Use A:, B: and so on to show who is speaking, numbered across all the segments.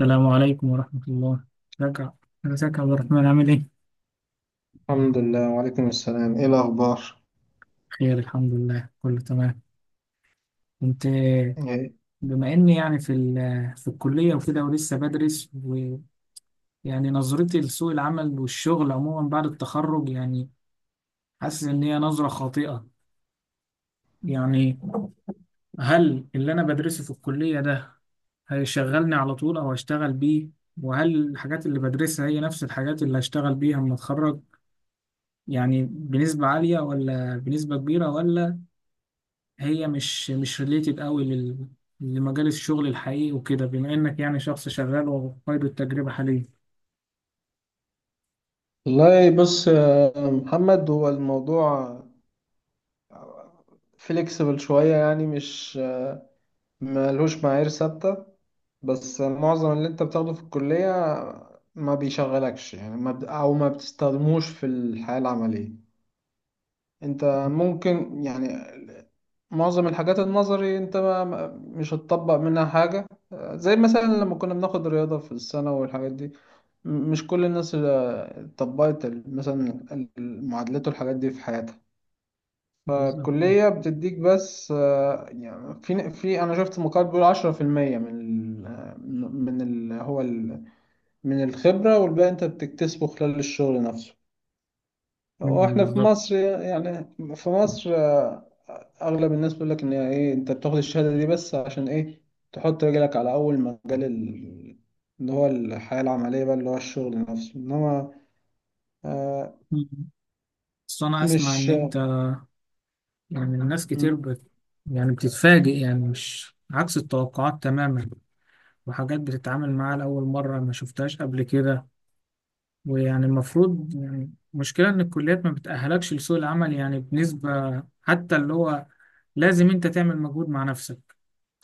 A: السلام عليكم ورحمة الله. رجع. ازيك يا عبد الرحمن، عامل ايه؟
B: الحمد لله وعليكم السلام، ايه الاخبار؟
A: خير، الحمد لله، كله تمام. كنت
B: إيه؟
A: بما اني يعني في الكلية وكده، ولسه بدرس، ويعني نظرتي لسوق العمل والشغل عموما بعد التخرج، يعني حاسس ان هي نظرة خاطئة. يعني هل اللي انا بدرسه في الكلية ده هيشغلني على طول، او هشتغل بيه؟ وهل الحاجات اللي بدرسها هي نفس الحاجات اللي هشتغل بيها لما اتخرج، يعني بنسبة عالية ولا بنسبة كبيرة، ولا هي مش ريليتد قوي لمجال الشغل الحقيقي وكده، بما انك يعني شخص شغال وقيد التجربة حاليا.
B: والله بص يا محمد، هو الموضوع فليكسبل شوية، يعني مش ملهوش معايير ثابتة. بس معظم اللي انت بتاخده في الكلية ما بيشغلكش، يعني ما بت- او ما بتستخدموش في الحياة العملية. انت ممكن يعني معظم الحاجات النظري انت مش هتطبق منها حاجة، زي مثلا لما كنا بناخد رياضة في السنة والحاجات دي. مش كل الناس اللي طبقت مثلا المعادلات والحاجات دي في حياتها.
A: بالظبط آه.
B: فالكلية بتديك بس، آه، يعني في في أنا شفت مقال بيقول عشرة في المية من ال من ال هو ال من الخبرة، والباقي أنت بتكتسبه خلال الشغل نفسه.
A: مم،
B: وإحنا في
A: بالظبط.
B: مصر، يعني في مصر اغلب الناس بيقول لك ان هي ايه، انت بتاخد الشهاده دي بس عشان ايه؟ تحط رجلك على اول مجال اللي هو الحياه العمليه، بقى اللي هو الشغل نفسه، انما آه
A: مم. بس انا اسمع ان
B: مش.
A: انت يعني الناس كتير
B: مم.
A: يعني بتتفاجئ، يعني مش عكس التوقعات تماما، وحاجات بتتعامل معاها لأول مرة ما شفتهاش قبل كده. ويعني المفروض، يعني المشكلة إن الكليات ما بتأهلكش لسوق العمل، يعني بنسبة حتى اللي هو لازم أنت تعمل مجهود مع نفسك،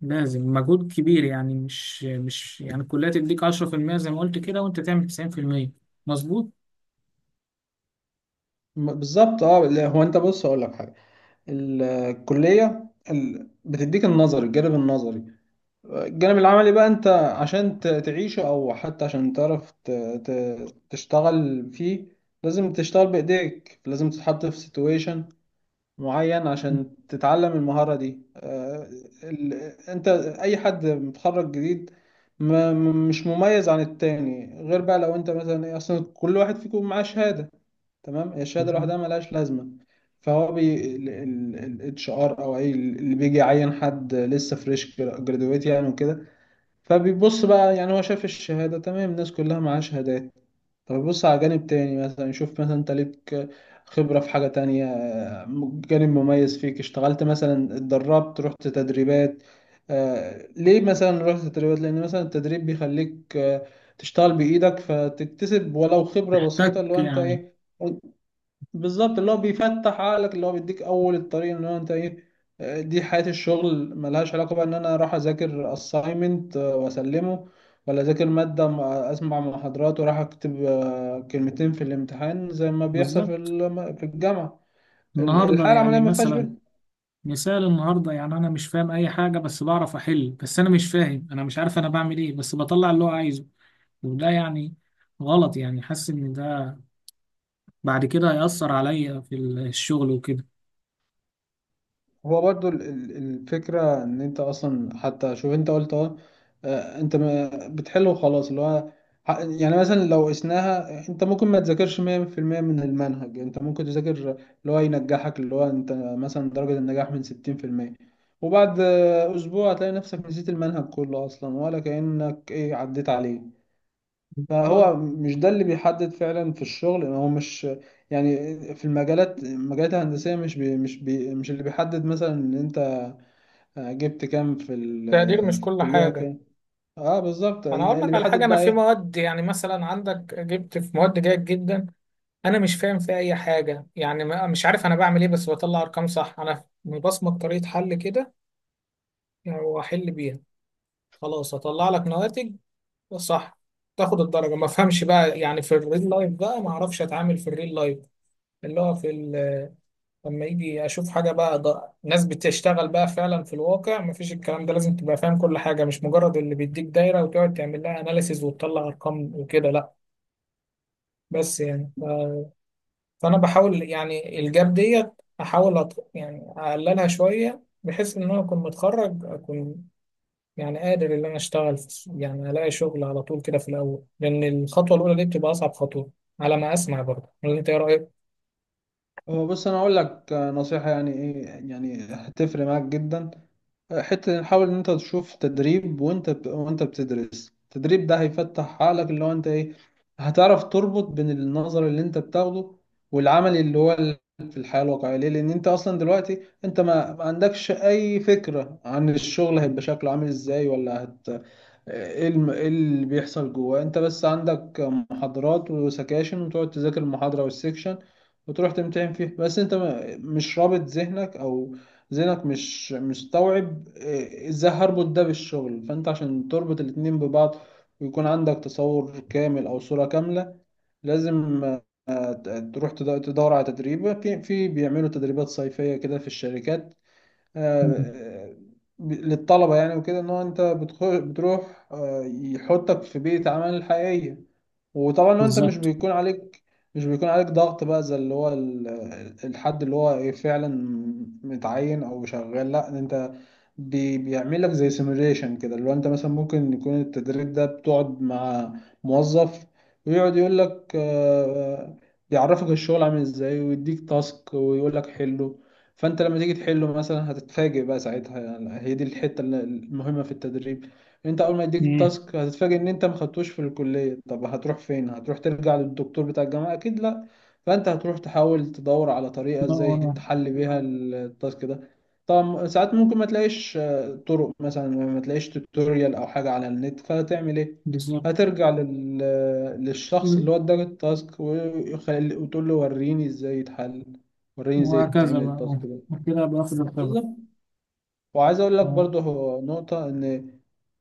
A: لازم مجهود كبير، يعني مش يعني الكلية تديك 10% زي ما قلت كده وأنت تعمل 90%، مظبوط؟
B: بالظبط، اه لا، هو انت بص اقول لك حاجه. الكليه بتديك النظري، الجانب النظري. الجانب العملي بقى، انت عشان تعيشه، او حتى عشان تعرف تشتغل فيه، لازم تشتغل بايديك، لازم تتحط في سيتويشن معين عشان تتعلم المهارة دي. آه، ال- انت، اي حد متخرج جديد مش مميز عن التاني، غير بقى لو انت مثلا ايه، اصلا كل واحد فيكم معاه شهادة تمام، هي الشهادة
A: بالظبط.
B: لوحدها ملهاش لازمة. فهو بي الاتش ار او اي اللي بيجي يعين حد لسه فريش جرادويت يعني وكده، فبيبص بقى، يعني هو شاف الشهادة تمام، الناس كلها معاها شهادات. طب يبص على جانب تاني مثلا، يشوف مثلا انت ليك خبرة في حاجة تانية، جانب مميز فيك، اشتغلت مثلا، اتدربت، رحت تدريبات. آه، ليه مثلا رحت تدريبات؟ لأن مثلا التدريب بيخليك، آه، تشتغل بإيدك، فتكتسب ولو خبرة بسيطة،
A: محتاج
B: اللي هو انت
A: يعني.
B: ايه. بالظبط، اللي هو بيفتح عقلك، اللي هو بيديك اول الطريق، ان هو انت ايه، آه، دي حياة الشغل، ملهاش علاقة بقى ان انا اروح اذاكر assignment، آه، wasلمه، ولا اذاكر مادة، اسمع محاضرات وراح اكتب، آه، كلمتين في الامتحان زي ما بيحصل
A: بالظبط.
B: في الجامعة.
A: النهارده
B: الحياة العملية
A: يعني
B: ما فيهاش
A: مثلا،
B: بيه.
A: مثال النهارده، يعني انا مش فاهم اي حاجه بس بعرف احل، بس انا مش فاهم، انا مش عارف انا بعمل ايه، بس بطلع اللي هو عايزه. وده يعني غلط، يعني حاسس ان ده بعد كده هيأثر عليا في الشغل وكده.
B: هو برضو الفكرة ان انت اصلا، حتى شوف انت قلت اه، آه، انت بتحل وخلاص، اللي هو يعني مثلا لو قسناها، انت ممكن ما تذاكرش 100% من المنهج، انت ممكن تذاكر اللي هو ينجحك، اللي هو انت مثلا درجة النجاح من 60%. وبعد آه، اسبوع هتلاقي نفسك نسيت المنهج كله اصلا، ولا كأنك ايه، عديت عليه.
A: بالظبط.
B: فهو مش ده اللي بيحدد فعلا في الشغل، هو مش، يعني في المجالات، المجالات الهندسية مش اللي بيحدد مثلا ان، آه، جبت كام
A: التقدير
B: آه،
A: مش
B: في
A: كل
B: الكلية
A: حاجة.
B: كام. اه بالظبط،
A: أنا أقول
B: اللي
A: لك على حاجة،
B: بيحدد
A: أنا
B: بقى
A: في
B: ايه.
A: مواد، يعني مثلا عندك جبت في مواد جيد جدا، انا مش فاهم في اي حاجه، يعني مش عارف انا بعمل ايه، بس بطلع ارقام صح، انا مبصمج طريقه حل كده يعني واحل بيها، خلاص اطلع لك نواتج صح، تاخد الدرجه. ما افهمش بقى يعني في الريل لايف، بقى ما اعرفش اتعامل في الريل لايف اللي هو لما يجي اشوف حاجه بقى. ده ناس بتشتغل بقى فعلا في الواقع ما فيش الكلام ده، لازم تبقى فاهم كل حاجه، مش مجرد اللي بيديك دايره وتقعد تعمل لها اناليسيز وتطلع ارقام وكده، لا. بس يعني فانا بحاول يعني الجاب ديت، احاول يعني اقللها شويه، بحيث ان انا اكون متخرج، اكون يعني قادر ان انا اشتغل السوق، يعني الاقي شغل على طول كده في الاول، لان الخطوه الاولى دي بتبقى اصعب خطوه على ما اسمع برضه، ولا انت ايه رايك؟
B: هو بص انا اقول لك، آه، نصيحة يعني ايه، يعني هتفرق معاك جدا. حتة نحاول إن أنت تشوف تدريب، وأنت بتدرس، التدريب ده هيفتح عقلك، اللي هو أنت إيه، هتعرف تربط بين النظر اللي أنت بتاخده، والعمل اللي هو في الحياة الواقعية. ليه؟ لأن أنت أصلا دلوقتي أنت ما عندكش أي فكرة عن الشغل هيبقى شكله عامل إزاي، ولا هت، إيه إيه اللي بيحصل جواه. أنت بس عندك محاضرات وسكاشن، وتقعد تذاكر المحاضرة والسكشن وتروح تمتحن فيه، بس أنت مش رابط ذهنك، أو ذهنك مش مستوعب إيه، ازاي هربط ده بالشغل. فانت عشان تربط الاتنين ببعض، ويكون عندك تصور كامل او صورة كاملة، لازم، آه، تدور على تدريب. في في بيعملوا تدريبات صيفية كده في الشركات، آه،
A: مم.
B: آه، للطلبة يعني وكده، ان هو انت بتروح، آه، يحطك في بيئة عمل حقيقية. وطبعا لو انت، مش
A: بالظبط.
B: بيكون عليك، مش بيكون عليك ضغط بقى زي اللي هو الحد اللي هو ايه، فعلا متعين او شغال، لا انت بيعمل لك زي سيموليشن كده، اللي هو انت مثلا ممكن يكون التدريب ده، بتقعد مع موظف ويقعد يقول لك، آه، بيعرفك الشغل عامل ازاي، ويديك تاسك ويقول لك حله. فانت لما تيجي تحله مثلا هتتفاجئ بقى ساعتها، يعني هي دي الحتة المهمة في التدريب. انت اول ما يديك
A: مم.
B: التاسك هتتفاجئ ان انت ما خدتوش في الكليه، طب هتروح فين؟ هتروح ترجع للدكتور بتاع الجامعه اكيد؟ لا. فانت هتروح تحاول تدور على طريقه
A: كده
B: ازاي
A: ورا.
B: تحل بيها التاسك ده. طبعا ساعات ممكن ما تلاقيش، آه، طرق، مثلا ما تلاقيش توتوريال او حاجه على النت، فتعمل ايه؟
A: بالظبط.
B: هترجع للشخص اللي
A: مم.
B: هو اداك التاسك، وتقول له وريني ازاي يتحل، وريني ازاي
A: وهكذا
B: يتعمل
A: بقى،
B: التاسك
A: اه،
B: ده.
A: وكده باخد الخبرة.
B: بالظبط. وعايز اقول لك
A: اه،
B: برضه، هو نقطة ان،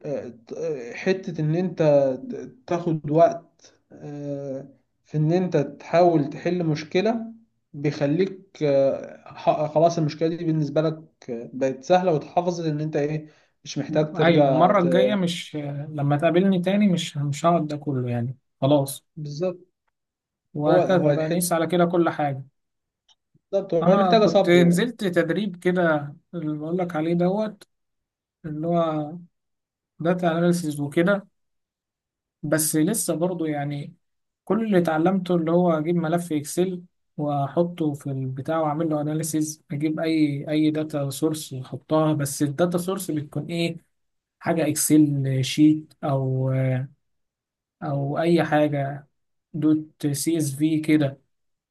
B: آه، آه، حتة ان انت تاخد وقت، آه، في ان انت تحاول تحل مشكلة، بيخليك، آه، خلاص المشكلة دي بالنسبة لك، آه، بقت سهلة واتحفظت ان انت ايه، مش محتاج
A: ايوه،
B: ترجع
A: المرة الجاية مش لما تقابلني تاني مش هقعد ده كله، يعني خلاص.
B: بالظبط. هو
A: وهكذا
B: هو
A: بقى، نقيس
B: الحتة،
A: على كده كل حاجة.
B: بالظبط، هو
A: انا
B: محتاجة
A: كنت
B: صبر.
A: نزلت تدريب كده اللي بقول لك عليه، دوت، اللي هو داتا اناليسيز وكده. بس لسه برضو يعني كل اللي اتعلمته اللي هو اجيب ملف اكسل واحطه في البتاع واعمل له اناليسيز، اجيب اي داتا سورس واحطها، بس الداتا سورس بتكون ايه؟ حاجه اكسل شيت او اي حاجه دوت سي اس في كده.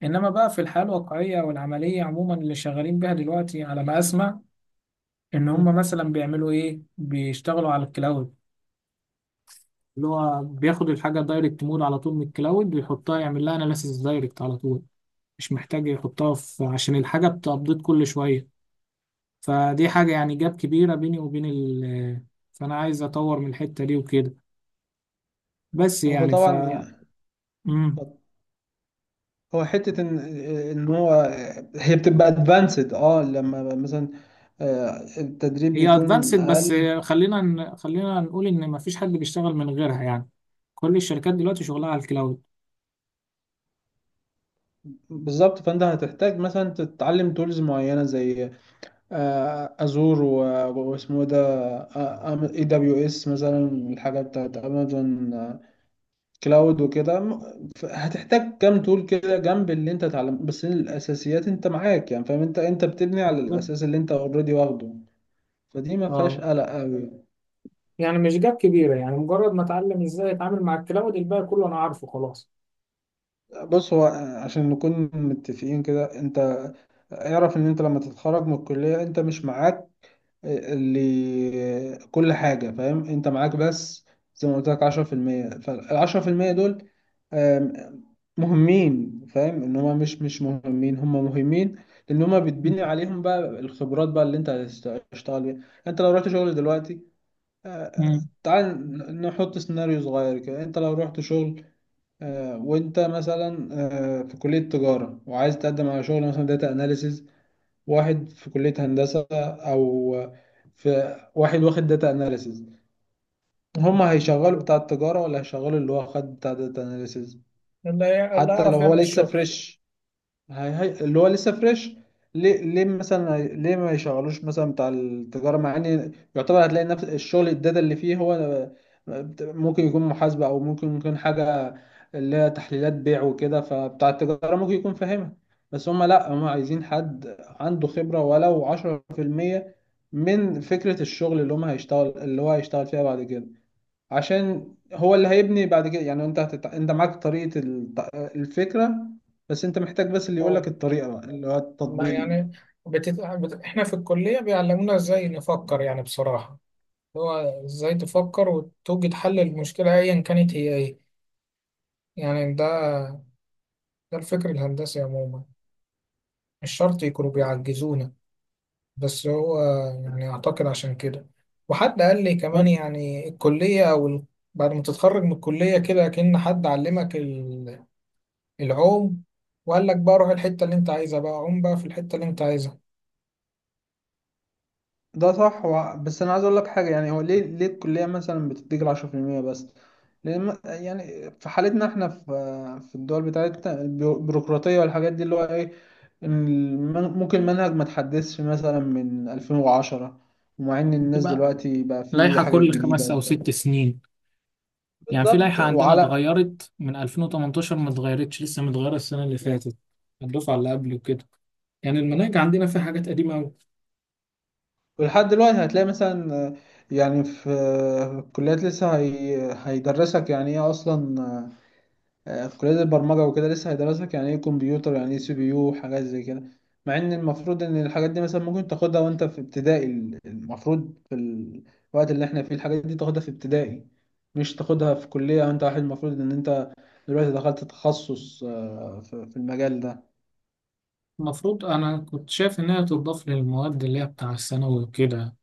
A: انما بقى في الحياه الواقعيه والعمليه عموما، اللي شغالين بيها دلوقتي على ما اسمع، ان هم
B: مم.
A: مثلا بيعملوا ايه؟ بيشتغلوا على الكلاود اللي هو بياخد الحاجه دايركت مود على طول من الكلاود ويحطها، يعمل لها اناليسيس دايركت على طول، مش محتاج يحطها في، عشان الحاجه بتابديت كل شويه. فدي حاجه يعني جاب كبيره بيني وبين فانا عايز اطور من الحته دي وكده. بس
B: هو
A: يعني.
B: طبعا يعني،
A: مم.
B: هو حتة إن، إن هو هي بتبقى ادفانسد، أه، لما مثلا، آه، التدريب
A: هي
B: بيكون
A: ادفانسد، بس
B: أقل.
A: خلينا نقول ان مفيش حد بيشتغل من غيرها يعني، كل الشركات دلوقتي شغلها على الكلاود.
B: بالظبط، فأنت هتحتاج مثلا تتعلم تولز معينة زي، آه، أزور، واسمه ده، اي دبليو اس مثلا، الحاجة بتاعت أمازون كلاود وكده، هتحتاج كام تول كده جنب اللي أنت اتعلمته، بس الأساسيات أنت معاك، يعني فاهم، أنت بتبني على
A: بالظبط
B: الأساس اللي أنت أوريدي واخده. فدي ما فيهاش
A: اه،
B: قلق أوي.
A: يعني مش جاب كبيرة، يعني مجرد ما اتعلم ازاي اتعامل مع الكلاود الباقي كله انا عارفه خلاص.
B: بص هو، عشان نكون متفقين كده، انت اعرف ان انت لما تتخرج من الكلية انت مش معاك اللي كل حاجة فاهم، انت معاك بس زي ما قلت لك 10%، فالعشرة في المية دول، آم، مهمين، فاهم ان هما مش مش مهمين، هما مهمين، لان هما بتبني عليهم بقى الخبرات بقى اللي انت هتشتغل بيها. انت لو رحت شغل دلوقتي، آه،
A: مم.
B: تعال نحط سيناريو صغير كده، انت لو رحت شغل، آه، وانت مثلا، آه، في كلية تجارة وعايز تقدم على شغل مثلا داتا اناليسز، واحد في كلية هندسة، او في واحد واخد داتا اناليسز،
A: مم.
B: هما هيشغلوا
A: مظبوط.
B: بتاع التجارة ولا هيشغلوا اللي هو خد بتاع داتا اناليسز؟
A: اللي
B: حتى لو
A: يعرف
B: هو
A: يعمل
B: لسه
A: الشغل.
B: فريش. هي هي اللي هو لسه فريش. ليه؟ مثلا ليه ما يشغلوش مثلا بتاع التجارة، مع ان يعتبر هتلاقي نفس الشغل، الداتا اللي فيه هو، آه، ممكن يكون محاسبة، او ممكن يكون حاجة اللي هي تحليلات بيع وكده، فبتاع التجارة ممكن يكون فاهمها، بس هما لا، هما عايزين حد عنده خبرة ولو 10% من فكرة الشغل اللي هما هيشتغل، اللي هو هيشتغل فيها بعد كده، عشان هو اللي هيبني بعد كده. يعني انت انت معاك طريقة الفكرة، بس انت محتاج بس اللي يقول لك
A: اه.
B: الطريقة بقى، اللي هو
A: ما
B: التطبيق.
A: يعني احنا في الكلية بيعلمونا ازاي نفكر يعني بصراحة، اللي هو ازاي تفكر وتوجد حل للمشكلة ايا كانت هي ايه. يعني ده الفكر الهندسي عموما، مش شرط يكونوا بيعجزونا. بس هو يعني أعتقد عشان كده، وحد قال لي كمان
B: بس.
A: يعني الكلية أو بعد ما تتخرج من الكلية كده، كأن حد علمك العوم، وقال لك بقى روح الحتة اللي أنت عايزها، بقى عوم بقى في الحتة اللي أنت عايزها.
B: ده صح، بس انا عايز اقول لك حاجة، يعني هو ليه، الكلية مثلا بتديك العشرة في المية بس؟ لان يعني في حالتنا احنا في، في الدول بتاعتنا، البيروقراطية والحاجات دي اللي هو ايه، إن ممكن المنهج ما تحدثش مثلا من 2010، ومع ان الناس
A: بتبقى
B: دلوقتي بقى في
A: لائحة
B: حاجات
A: كل
B: جديدة
A: خمس أو
B: وبتاع.
A: ست سنين، يعني في
B: بالظبط
A: لائحة عندنا
B: وعلى.
A: اتغيرت من 2018 ما اتغيرتش لسه، متغيرة السنة اللي فاتت، الدفعة اللي قبل وكده، يعني المناهج عندنا فيها حاجات قديمة أوي.
B: ولحد دلوقتي هتلاقي مثلا، آه، يعني في، آه، الكليات لسه هيدرسك يعني ايه اصلا، آه، في كليات البرمجة وكده لسه هيدرسك يعني ايه كمبيوتر، يعني ايه سي بي يو، وحاجات زي كده، مع ان المفروض ان الحاجات دي مثلا ممكن تاخدها وانت في ابتدائي. المفروض في الوقت اللي احنا فيه الحاجات دي تاخدها في ابتدائي، مش تاخدها في كلية وانت واحد المفروض ان انت دلوقتي دخلت تخصص، آه، في في المجال ده.
A: المفروض أنا كنت شايف إنها تضاف للمواد اللي هي بتاع الثانوي وكده،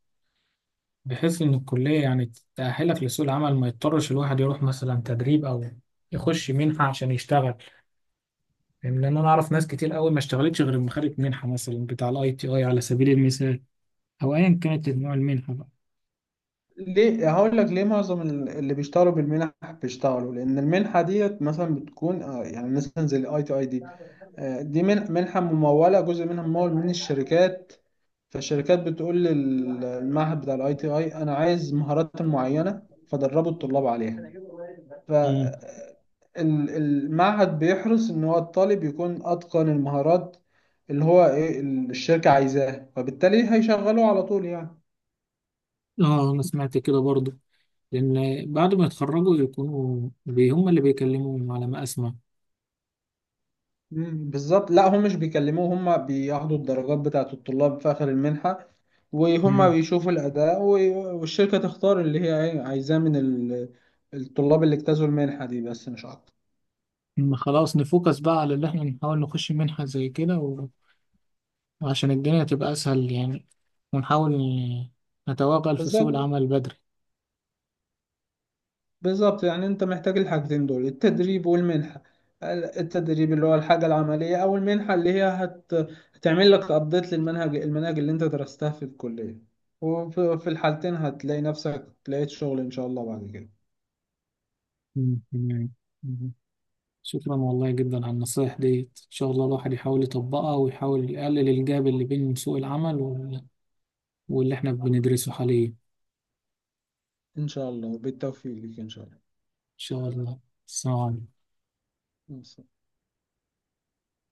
A: بحيث إن الكلية يعني تأهلك لسوق العمل، ما يضطرش الواحد يروح مثلا تدريب أو يخش منحة عشان يشتغل، يعني لأن أنا أعرف ناس كتير أوي ما اشتغلتش غير لما خدت منحة مثلا بتاع ال ITI على سبيل المثال، أو أيا كانت نوع المنحة بقى.
B: ليه؟ هقول لك ليه. معظم اللي بيشتغلوا بالمنح بيشتغلوا لان المنحه ديت مثلا بتكون، آه، يعني مثلا زي الاي تي اي دي، آه، دي منحه مموله، جزء منها ممول من الشركات. فالشركات بتقول للمعهد بتاع الاي تي اي انا عايز مهارات معينه فدربوا الطلاب عليها. ف،
A: مم.
B: آه، المعهد بيحرص ان هو الطالب يكون اتقن المهارات اللي هو ايه الشركه عايزاها، فبالتالي هيشغلوه على طول يعني.
A: اه انا سمعت كده برضو، لان بعد ما يتخرجوا يكونوا هم اللي بيكلموهم على ما اسمع.
B: مم، بالظبط. لا، هم مش بيكلموه، هم بياخدوا الدرجات بتاعة الطلاب في آخر المنحة، وهم بيشوفوا الأداء، والشركة تختار اللي هي عايزاه من الطلاب اللي اجتازوا المنحة دي بس، مش أكتر.
A: إن خلاص نفوكس بقى على اللي احنا نحاول نخش منحة زي كده، وعشان الدنيا تبقى أسهل يعني. ونحاول نتوغل في سوق
B: بالظبط.
A: العمل بدري.
B: بالظبط، يعني أنت محتاج الحاجتين دول، التدريب والمنحة. التدريب اللي هو الحاجة العملية، أو المنحة اللي هي هتعمل لك أبديت للمنهج، المناهج اللي أنت درستها في الكلية. وفي في الحالتين هتلاقي نفسك لقيت شغل إن شاء الله بعد كده.
A: مم، تمام. مم. شكرا والله جدا على النصايح ديت، إن شاء الله الواحد يحاول يطبقها ويحاول يقلل الجاب اللي بين سوق العمل واللي احنا بندرسه حاليا، إن
B: إن شاء الله بالتوفيق لك إن شاء الله.
A: شاء الله. السلام عليكم.
B: مم.